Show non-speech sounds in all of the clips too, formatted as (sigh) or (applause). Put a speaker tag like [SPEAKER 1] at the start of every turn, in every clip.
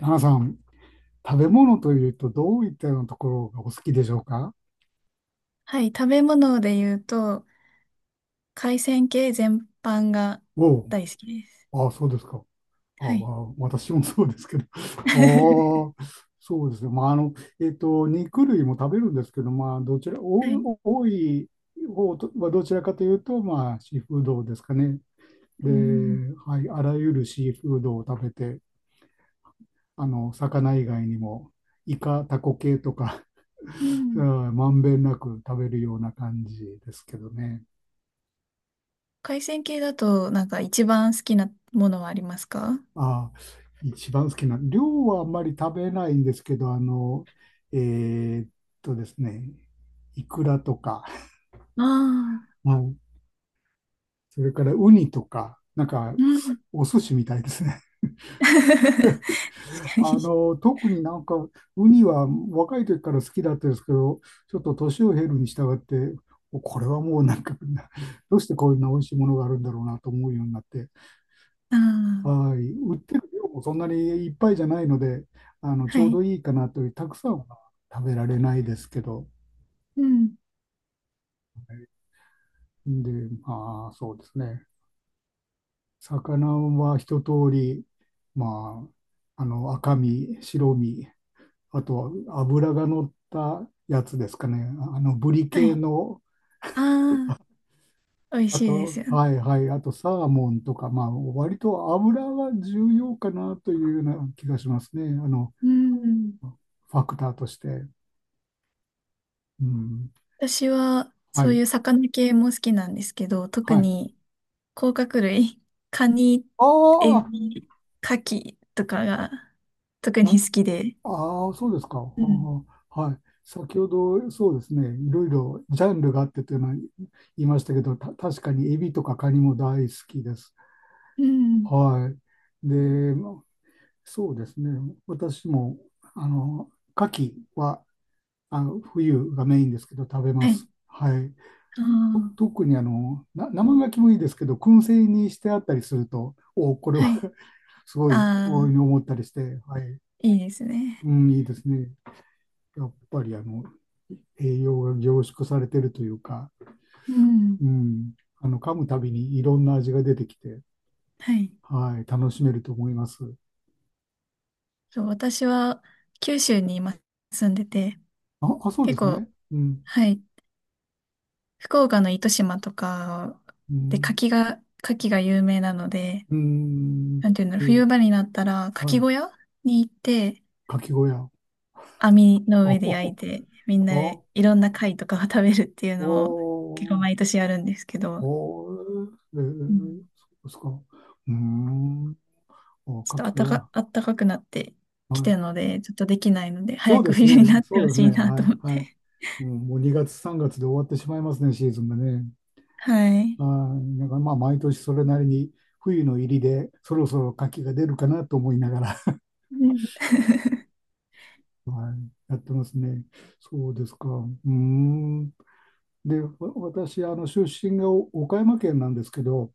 [SPEAKER 1] 花さん、食べ物というとどういったようなところがお好きでしょうか？
[SPEAKER 2] はい、食べ物で言うと、海鮮系全般が
[SPEAKER 1] お
[SPEAKER 2] 大好きです。
[SPEAKER 1] ああ、そうですか。ああ、
[SPEAKER 2] はい。
[SPEAKER 1] 私もそうですけど。(laughs)
[SPEAKER 2] (laughs)
[SPEAKER 1] ああ、そうですね。まあ、肉類も食べるんですけど、まあ、どちら、
[SPEAKER 2] はい。
[SPEAKER 1] お多い方とはどちらかというと、まあ、シーフードですかね。で、
[SPEAKER 2] うん。
[SPEAKER 1] はい、あらゆるシーフードを食べて、魚以外にも、イカ、タコ系とか、
[SPEAKER 2] う
[SPEAKER 1] (laughs) う
[SPEAKER 2] ん。
[SPEAKER 1] んまんべんなく食べるような感じですけどね。
[SPEAKER 2] 海鮮系だと、一番好きなものはありますか？
[SPEAKER 1] ああ、一番好きな、量はあんまり食べないんですけど、あの、えーっですね、イクラとか、
[SPEAKER 2] あ
[SPEAKER 1] はい、それからウニとか、なんか、
[SPEAKER 2] あー、うん。
[SPEAKER 1] お寿司みたいですね。
[SPEAKER 2] (laughs) 確
[SPEAKER 1] (laughs)
[SPEAKER 2] かに。
[SPEAKER 1] 特になんか、ウニは若い時から好きだったんですけど、ちょっと年を経るに従って、これはもうなんか、どうしてこんな美味しいものがあるんだろうなと思うようになって、
[SPEAKER 2] ああ、
[SPEAKER 1] はい。売ってる量もそんなにいっぱいじゃないので、ち
[SPEAKER 2] は
[SPEAKER 1] ょう
[SPEAKER 2] い。
[SPEAKER 1] どいいかなという、たくさんは食べられないですけど、
[SPEAKER 2] うん。
[SPEAKER 1] で、まあ、そうですね。魚は一通り、まあ、赤身、白身、あとは脂が乗ったやつですかね。ブリ
[SPEAKER 2] はい。
[SPEAKER 1] 系の、
[SPEAKER 2] ああ、美味
[SPEAKER 1] あ
[SPEAKER 2] しいです
[SPEAKER 1] と、
[SPEAKER 2] よね。
[SPEAKER 1] はいはい、あとサーモンとか、まあ、割と油が重要かなというような気がしますね。
[SPEAKER 2] うん。
[SPEAKER 1] ファクターとして。うん。
[SPEAKER 2] 私は、
[SPEAKER 1] は
[SPEAKER 2] そうい
[SPEAKER 1] い。
[SPEAKER 2] う魚系も好きなんですけど、特
[SPEAKER 1] はい。
[SPEAKER 2] に甲殻類、カニ、
[SPEAKER 1] あ
[SPEAKER 2] エ
[SPEAKER 1] あ、
[SPEAKER 2] ビ、カキとかが特に好きで。
[SPEAKER 1] ああー、そうですか。あ
[SPEAKER 2] うん。
[SPEAKER 1] ーはい。先ほど、そうですね、いろいろジャンルがあってというのは言いましたけど、確かにエビとかカニも大好きです。
[SPEAKER 2] うん。
[SPEAKER 1] はい。で、まあそうですね、私も、あの、牡蠣は、冬がメインですけど、食べま
[SPEAKER 2] はい。
[SPEAKER 1] す。はい。
[SPEAKER 2] ああ、
[SPEAKER 1] 特に生牡蠣もいいですけど、燻製にしてあったりすると、お、これ
[SPEAKER 2] は
[SPEAKER 1] は
[SPEAKER 2] い。
[SPEAKER 1] (laughs) すごい、
[SPEAKER 2] あ
[SPEAKER 1] 遠い
[SPEAKER 2] あ、
[SPEAKER 1] に思ったりして、はい。
[SPEAKER 2] いいですね。
[SPEAKER 1] うん、いいですね。やっぱり栄養が凝縮されてるというか、
[SPEAKER 2] うん。
[SPEAKER 1] うん、噛むたびにいろんな味が出てきて、
[SPEAKER 2] はい。
[SPEAKER 1] はい、楽しめると思います。
[SPEAKER 2] そう、私は九州に今住んでて、
[SPEAKER 1] あ、あ、そうで
[SPEAKER 2] 結
[SPEAKER 1] すね。
[SPEAKER 2] 構、
[SPEAKER 1] うん、
[SPEAKER 2] はい、福岡の糸島とか
[SPEAKER 1] う
[SPEAKER 2] で
[SPEAKER 1] ん、
[SPEAKER 2] 柿が、柿が有名なので、
[SPEAKER 1] うん、
[SPEAKER 2] なんていうんだろ
[SPEAKER 1] え、
[SPEAKER 2] う、冬場になったら牡
[SPEAKER 1] は
[SPEAKER 2] 蠣
[SPEAKER 1] い、
[SPEAKER 2] 小屋に行って、
[SPEAKER 1] かき小屋。
[SPEAKER 2] 網の
[SPEAKER 1] あ、あ、
[SPEAKER 2] 上で焼いて、みんな
[SPEAKER 1] あ、
[SPEAKER 2] で
[SPEAKER 1] あ、
[SPEAKER 2] いろんな貝とかを食べるっていうのを結構毎年やるんですけど、
[SPEAKER 1] え
[SPEAKER 2] う
[SPEAKER 1] ー、そ
[SPEAKER 2] ん、
[SPEAKER 1] うですか。うーん、お、
[SPEAKER 2] ちょっ
[SPEAKER 1] か
[SPEAKER 2] とあっ
[SPEAKER 1] き
[SPEAKER 2] たか、
[SPEAKER 1] は、
[SPEAKER 2] あったかくなって
[SPEAKER 1] は
[SPEAKER 2] きて
[SPEAKER 1] い。
[SPEAKER 2] るので、ちょっとできないので、
[SPEAKER 1] そ
[SPEAKER 2] 早
[SPEAKER 1] うで
[SPEAKER 2] く
[SPEAKER 1] す
[SPEAKER 2] 冬にな
[SPEAKER 1] ね、
[SPEAKER 2] って
[SPEAKER 1] そ
[SPEAKER 2] ほ
[SPEAKER 1] うです
[SPEAKER 2] し
[SPEAKER 1] ね、
[SPEAKER 2] いな
[SPEAKER 1] は
[SPEAKER 2] と
[SPEAKER 1] い、
[SPEAKER 2] 思っ
[SPEAKER 1] はい。
[SPEAKER 2] て。
[SPEAKER 1] うん、もう2月、3月で終わってしまいますね、シーズンがね。
[SPEAKER 2] (laughs) は
[SPEAKER 1] あ
[SPEAKER 2] い。
[SPEAKER 1] ー、だからまあ毎年それなりに冬の入りでそろそろ牡蠣が出るかなと思いながら、(laughs)
[SPEAKER 2] うん。 (laughs)
[SPEAKER 1] はい、やってますね。そうですか。うーん。で、私、出身が岡山県なんですけど、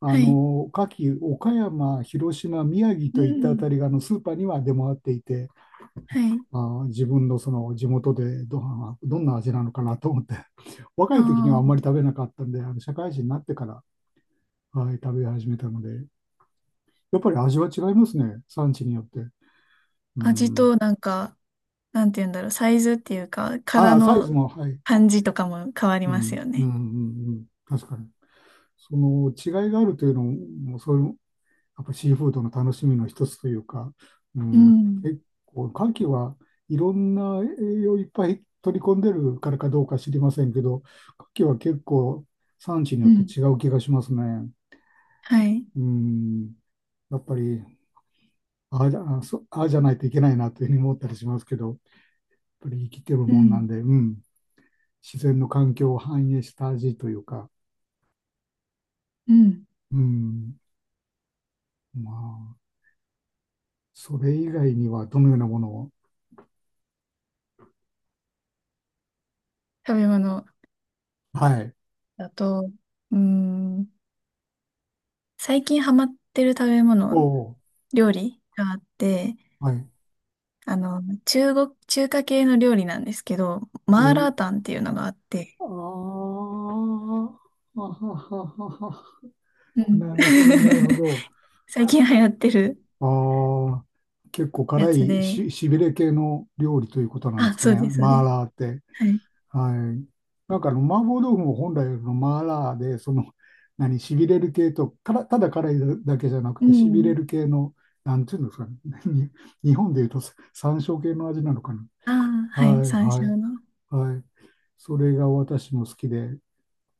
[SPEAKER 1] あ
[SPEAKER 2] はい。
[SPEAKER 1] の牡蠣、岡山、広島、宮城
[SPEAKER 2] う
[SPEAKER 1] といったあた
[SPEAKER 2] ん。
[SPEAKER 1] りがスーパーには出回っていて、
[SPEAKER 2] はい。
[SPEAKER 1] まあー、自分のその地元でどんな味なのかなと思って、(laughs) 若い時にはあんま
[SPEAKER 2] あ
[SPEAKER 1] り食べなかったんで、社会人になってから、はい、食べ始めたので。やっぱり味は違いますね。産地によって。う
[SPEAKER 2] あ、味
[SPEAKER 1] ん。
[SPEAKER 2] となんか、なんて言うんだろう、サイズっていうか、殻
[SPEAKER 1] ああ、サイズ
[SPEAKER 2] の
[SPEAKER 1] も、はい。
[SPEAKER 2] 感じとかも変わり
[SPEAKER 1] う
[SPEAKER 2] ます
[SPEAKER 1] ん。
[SPEAKER 2] よ
[SPEAKER 1] うん、う
[SPEAKER 2] ね。
[SPEAKER 1] ん、うん。確かに。その違いがあるというのも、そういう、やっぱシーフードの楽しみの一つというか、う
[SPEAKER 2] う
[SPEAKER 1] ん、
[SPEAKER 2] ん。
[SPEAKER 1] 結構、牡蠣はいろんな栄養をいっぱい取り込んでるからかどうか知りませんけど、牡蠣は結構産地によ
[SPEAKER 2] う
[SPEAKER 1] って
[SPEAKER 2] ん。
[SPEAKER 1] 違う気がしますね。
[SPEAKER 2] はい。
[SPEAKER 1] うん。やっぱり、ああ、じゃあそうああじゃないといけないなというふうに思ったりしますけど、やっぱり生きてる
[SPEAKER 2] う
[SPEAKER 1] もんなん
[SPEAKER 2] ん。
[SPEAKER 1] で、うん。自然の環境を反映した味というか、
[SPEAKER 2] うん。
[SPEAKER 1] うん、まあ、それ以外にはどのようなものを、
[SPEAKER 2] 食べ物
[SPEAKER 1] はい、
[SPEAKER 2] だと、うーん、最近ハマってる食べ物、
[SPEAKER 1] おお、
[SPEAKER 2] 料理があって、
[SPEAKER 1] はい、
[SPEAKER 2] 中国、中華系の料理なんですけど、
[SPEAKER 1] え
[SPEAKER 2] マーラー
[SPEAKER 1] ー、
[SPEAKER 2] タンっていうのがあって、
[SPEAKER 1] あーあはははは、
[SPEAKER 2] うん。
[SPEAKER 1] なるほど、なるほど。
[SPEAKER 2] (laughs) 最近流行ってる
[SPEAKER 1] ああ、結構
[SPEAKER 2] や
[SPEAKER 1] 辛
[SPEAKER 2] つ
[SPEAKER 1] い
[SPEAKER 2] で、
[SPEAKER 1] し、しびれ系の料理ということなんで
[SPEAKER 2] あ、
[SPEAKER 1] すか
[SPEAKER 2] そう
[SPEAKER 1] ね、
[SPEAKER 2] です、そうで
[SPEAKER 1] マー
[SPEAKER 2] す。
[SPEAKER 1] ラーって。
[SPEAKER 2] はい。
[SPEAKER 1] はい。なんか麻婆豆腐も本来のマーラーで、その、(laughs) しびれる系と、から、ただ辛いだけじゃなく
[SPEAKER 2] う
[SPEAKER 1] て、しびれ
[SPEAKER 2] ん。
[SPEAKER 1] る系の、なんていうんですかね。(laughs) 日本でいうとさ山椒系の味なのかな。
[SPEAKER 2] ああ、はい、
[SPEAKER 1] はい、
[SPEAKER 2] 山
[SPEAKER 1] はい、
[SPEAKER 2] 椒の。
[SPEAKER 1] はい。それが私も好きで、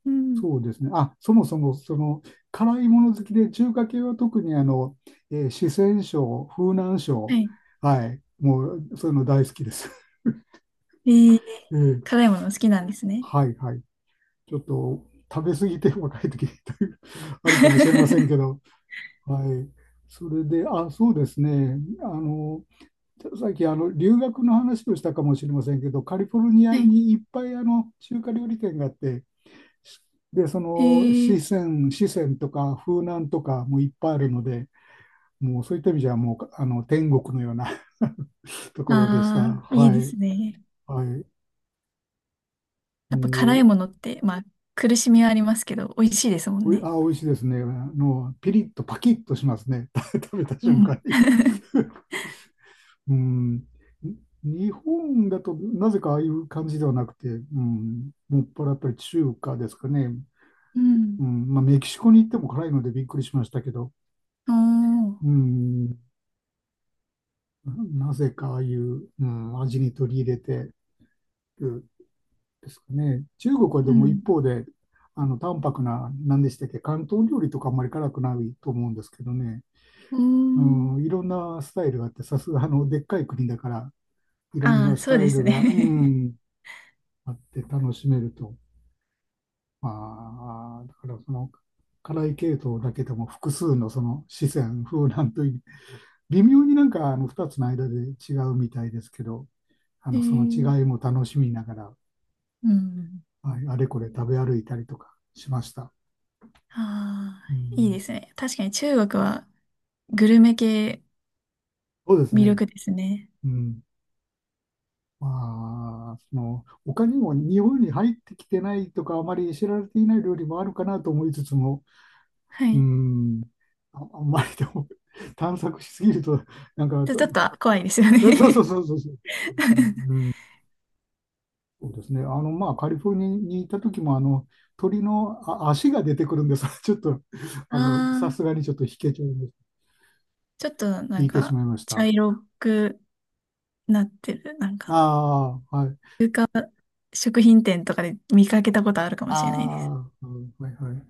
[SPEAKER 2] うん。
[SPEAKER 1] そうですね。あ、そもそも、その、辛いもの好きで、中華系は特に四川省、風南
[SPEAKER 2] は
[SPEAKER 1] 省、
[SPEAKER 2] い。
[SPEAKER 1] はい、もう、そういうの大好きです。
[SPEAKER 2] えー、
[SPEAKER 1] (laughs) えー
[SPEAKER 2] 辛いもの好きなんですね。
[SPEAKER 1] はい、はい。ちょっと食べ過ぎて若い時という
[SPEAKER 2] (laughs)
[SPEAKER 1] あるかもしれませ
[SPEAKER 2] は
[SPEAKER 1] んけど、はい。それで、あ、そうですね。さっき留学の話をしたかもしれませんけど、カリフォルニア
[SPEAKER 2] い。
[SPEAKER 1] にいっぱい中華料理店があって、で、そ
[SPEAKER 2] え
[SPEAKER 1] の
[SPEAKER 2] ー、
[SPEAKER 1] 四川とか風南とかもいっぱいあるので、もうそういった意味じゃもう天国のような (laughs) ところでした。
[SPEAKER 2] ああ、いい
[SPEAKER 1] は
[SPEAKER 2] で
[SPEAKER 1] い。
[SPEAKER 2] すね。
[SPEAKER 1] はい。
[SPEAKER 2] やっぱ辛い
[SPEAKER 1] も
[SPEAKER 2] ものって、まあ、苦しみはありますけど、美味しいですもん
[SPEAKER 1] う、
[SPEAKER 2] ね。
[SPEAKER 1] あ、美味しいですね。ピリッとパキッとしますね。(laughs) 食べた
[SPEAKER 2] う
[SPEAKER 1] 瞬
[SPEAKER 2] ん。
[SPEAKER 1] 間に。
[SPEAKER 2] (laughs)
[SPEAKER 1] うん、日本だとなぜかああいう感じではなくて、うん、もっぱらやっぱり中華ですかね。
[SPEAKER 2] うん。
[SPEAKER 1] うん、まあ、メキシコに行っても辛いのでびっくりしましたけど、
[SPEAKER 2] おー。
[SPEAKER 1] うん、なぜかああいう、うん、味に取り入れてるですかね。中国は
[SPEAKER 2] う
[SPEAKER 1] でも
[SPEAKER 2] ん。
[SPEAKER 1] 一方で、淡白な、何でしたっけ、広東料理とかあんまり辛くないと思うんですけどね。
[SPEAKER 2] うー
[SPEAKER 1] う
[SPEAKER 2] ん。
[SPEAKER 1] ん、いろんなスタイルがあって、さすがでっかい国だから、いろん
[SPEAKER 2] あ
[SPEAKER 1] な
[SPEAKER 2] あ、
[SPEAKER 1] ス
[SPEAKER 2] そう
[SPEAKER 1] タ
[SPEAKER 2] で
[SPEAKER 1] イル
[SPEAKER 2] す
[SPEAKER 1] が、う
[SPEAKER 2] ね。
[SPEAKER 1] ん、あって楽しめると、まあ、だからその辛い系統だけでも複数のその四川風なんというね微妙になんか2つの間で違うみたいですけど
[SPEAKER 2] (laughs) え
[SPEAKER 1] その
[SPEAKER 2] ー、
[SPEAKER 1] 違いも楽しみながら、
[SPEAKER 2] うん。
[SPEAKER 1] はい、あれこれ食べ歩いたりとかしました。
[SPEAKER 2] あ
[SPEAKER 1] う
[SPEAKER 2] あ、いいで
[SPEAKER 1] ん、
[SPEAKER 2] すね。確かに中国はグルメ系
[SPEAKER 1] そうです
[SPEAKER 2] 魅
[SPEAKER 1] ね、
[SPEAKER 2] 力ですね。
[SPEAKER 1] うんまあ、その他にも日本に入ってきてないとかあまり知られていない料理もあるかなと思いつつも、
[SPEAKER 2] は
[SPEAKER 1] う
[SPEAKER 2] い。
[SPEAKER 1] ん、あ、あんまりでも (laughs) 探索しすぎるとなんか
[SPEAKER 2] ちょ、ちょ
[SPEAKER 1] と
[SPEAKER 2] っと怖いですよ
[SPEAKER 1] えそうそう
[SPEAKER 2] ね。
[SPEAKER 1] そうそうそうですね。
[SPEAKER 2] (laughs)
[SPEAKER 1] うん、そうですね。まあ、カリフォルニアにいた時も、鳥の足が出てくるんです。(laughs) ちょっと、
[SPEAKER 2] あ
[SPEAKER 1] さ
[SPEAKER 2] あ、
[SPEAKER 1] すがにちょっと引けちゃいました。
[SPEAKER 2] ちょっと
[SPEAKER 1] 引いてしまいまし
[SPEAKER 2] 茶
[SPEAKER 1] た。
[SPEAKER 2] 色くなってる、
[SPEAKER 1] ああ、はい。
[SPEAKER 2] 食品店とかで見かけたことあるかもしれないです。
[SPEAKER 1] ああ、うんはいはい。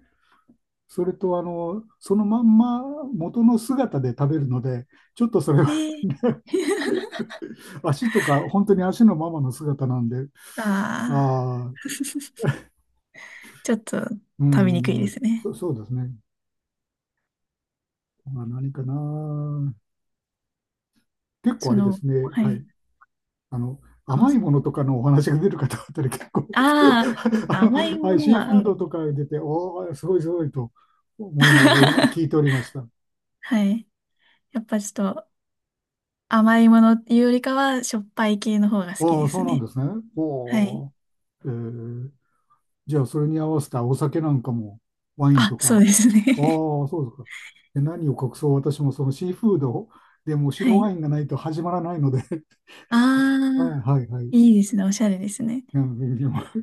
[SPEAKER 1] それと、そのまんま元の姿で食べるので、ちょっとそれ
[SPEAKER 2] え
[SPEAKER 1] は (laughs)
[SPEAKER 2] ー、
[SPEAKER 1] ね
[SPEAKER 2] (laughs)
[SPEAKER 1] 足とか、本当に足のままの姿なんで、
[SPEAKER 2] ああ、
[SPEAKER 1] ああ、
[SPEAKER 2] ちょっと
[SPEAKER 1] う
[SPEAKER 2] 食べにくい
[SPEAKER 1] ん、う
[SPEAKER 2] で
[SPEAKER 1] ん
[SPEAKER 2] すね。
[SPEAKER 1] そうですね。まあ、何かな。結構
[SPEAKER 2] そ
[SPEAKER 1] あれで
[SPEAKER 2] の、
[SPEAKER 1] すね、
[SPEAKER 2] は
[SPEAKER 1] は
[SPEAKER 2] い。
[SPEAKER 1] い。あの、
[SPEAKER 2] ああ、
[SPEAKER 1] 甘い
[SPEAKER 2] そう。
[SPEAKER 1] ものとかのお話が出る方あたり結構
[SPEAKER 2] あ
[SPEAKER 1] (laughs)
[SPEAKER 2] あ、甘い
[SPEAKER 1] は
[SPEAKER 2] も
[SPEAKER 1] い、
[SPEAKER 2] の
[SPEAKER 1] シー
[SPEAKER 2] は、
[SPEAKER 1] フ
[SPEAKER 2] う
[SPEAKER 1] ード
[SPEAKER 2] ん。
[SPEAKER 1] とか出て、おー、すごいすごいと思いながらいや聞いてお
[SPEAKER 2] (laughs)
[SPEAKER 1] りました。
[SPEAKER 2] はい。やっぱちょっと甘いものっていうよりかは、しょっぱい系の方が好き
[SPEAKER 1] あ
[SPEAKER 2] で
[SPEAKER 1] あ、そ
[SPEAKER 2] す
[SPEAKER 1] うなん
[SPEAKER 2] ね。
[SPEAKER 1] ですね。
[SPEAKER 2] はい。
[SPEAKER 1] おー、えーじゃあ、それに合わせたお酒なんかも、ワイン
[SPEAKER 2] あ、
[SPEAKER 1] とか。
[SPEAKER 2] そ
[SPEAKER 1] ああ、
[SPEAKER 2] うですね。(laughs)
[SPEAKER 1] そうですか。で、何を隠そう、私もそのシーフードでも
[SPEAKER 2] は
[SPEAKER 1] 白
[SPEAKER 2] い。
[SPEAKER 1] ワインがないと始まらないので (laughs) は
[SPEAKER 2] あ
[SPEAKER 1] い
[SPEAKER 2] あ、
[SPEAKER 1] はいはい。
[SPEAKER 2] いいですね。おしゃれですね。
[SPEAKER 1] うん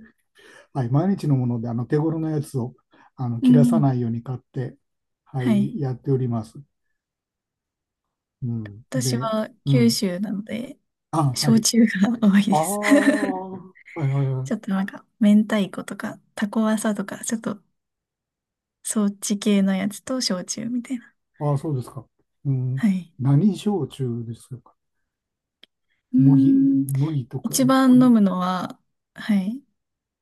[SPEAKER 1] はい、毎日のもので、手頃なやつを
[SPEAKER 2] う
[SPEAKER 1] 切らさ
[SPEAKER 2] ん。
[SPEAKER 1] ないように買って、は
[SPEAKER 2] はい。
[SPEAKER 1] い、やっております。うん、
[SPEAKER 2] 私
[SPEAKER 1] で、
[SPEAKER 2] は
[SPEAKER 1] う
[SPEAKER 2] 九
[SPEAKER 1] ん。
[SPEAKER 2] 州なので、
[SPEAKER 1] あ、は
[SPEAKER 2] 焼
[SPEAKER 1] い。
[SPEAKER 2] 酎が多いで
[SPEAKER 1] あ
[SPEAKER 2] す。
[SPEAKER 1] あ、は
[SPEAKER 2] (laughs)
[SPEAKER 1] いはいは
[SPEAKER 2] ちょっ
[SPEAKER 1] い。
[SPEAKER 2] と明太子とか、タコワサとか、ちょっとそっち系のやつと焼酎みたいな。
[SPEAKER 1] ああ、そうですか。うん、
[SPEAKER 2] はい。
[SPEAKER 1] 何焼酎ですか。
[SPEAKER 2] うー
[SPEAKER 1] 麦、
[SPEAKER 2] ん。
[SPEAKER 1] 麦とか、
[SPEAKER 2] 一
[SPEAKER 1] え、
[SPEAKER 2] 番
[SPEAKER 1] ごめ
[SPEAKER 2] 飲
[SPEAKER 1] ん。
[SPEAKER 2] むのは、はい、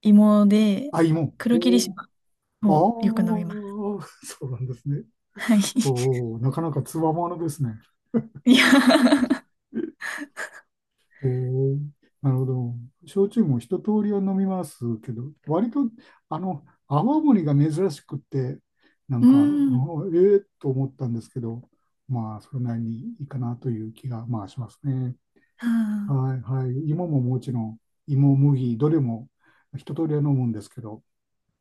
[SPEAKER 2] 芋で、
[SPEAKER 1] あ、芋。
[SPEAKER 2] 黒霧
[SPEAKER 1] おお
[SPEAKER 2] 島をよく飲みます。
[SPEAKER 1] ああ、そうなんですね。
[SPEAKER 2] はい。
[SPEAKER 1] おお、なかなかつわものですね。
[SPEAKER 2] (laughs) いや、
[SPEAKER 1] えー、なるほど。焼酎も一通りは飲みますけど、割と、泡盛が珍しくって、なん
[SPEAKER 2] う
[SPEAKER 1] か、
[SPEAKER 2] ーん。
[SPEAKER 1] うんええと思ったんですけど、まあ、それなりにいいかなという気が、まあ、しますね。
[SPEAKER 2] はあ。
[SPEAKER 1] はい、はい。芋ももちろん、芋、麦、どれも一通りは飲むんですけど、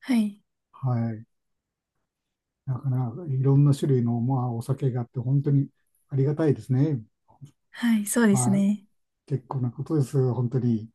[SPEAKER 2] はい。
[SPEAKER 1] はい。なかなかいろんな種類の、まあ、お酒があって、本当にありがたいですね。
[SPEAKER 2] はい。そうです
[SPEAKER 1] はい。
[SPEAKER 2] ね。
[SPEAKER 1] 結構なことです、本当に。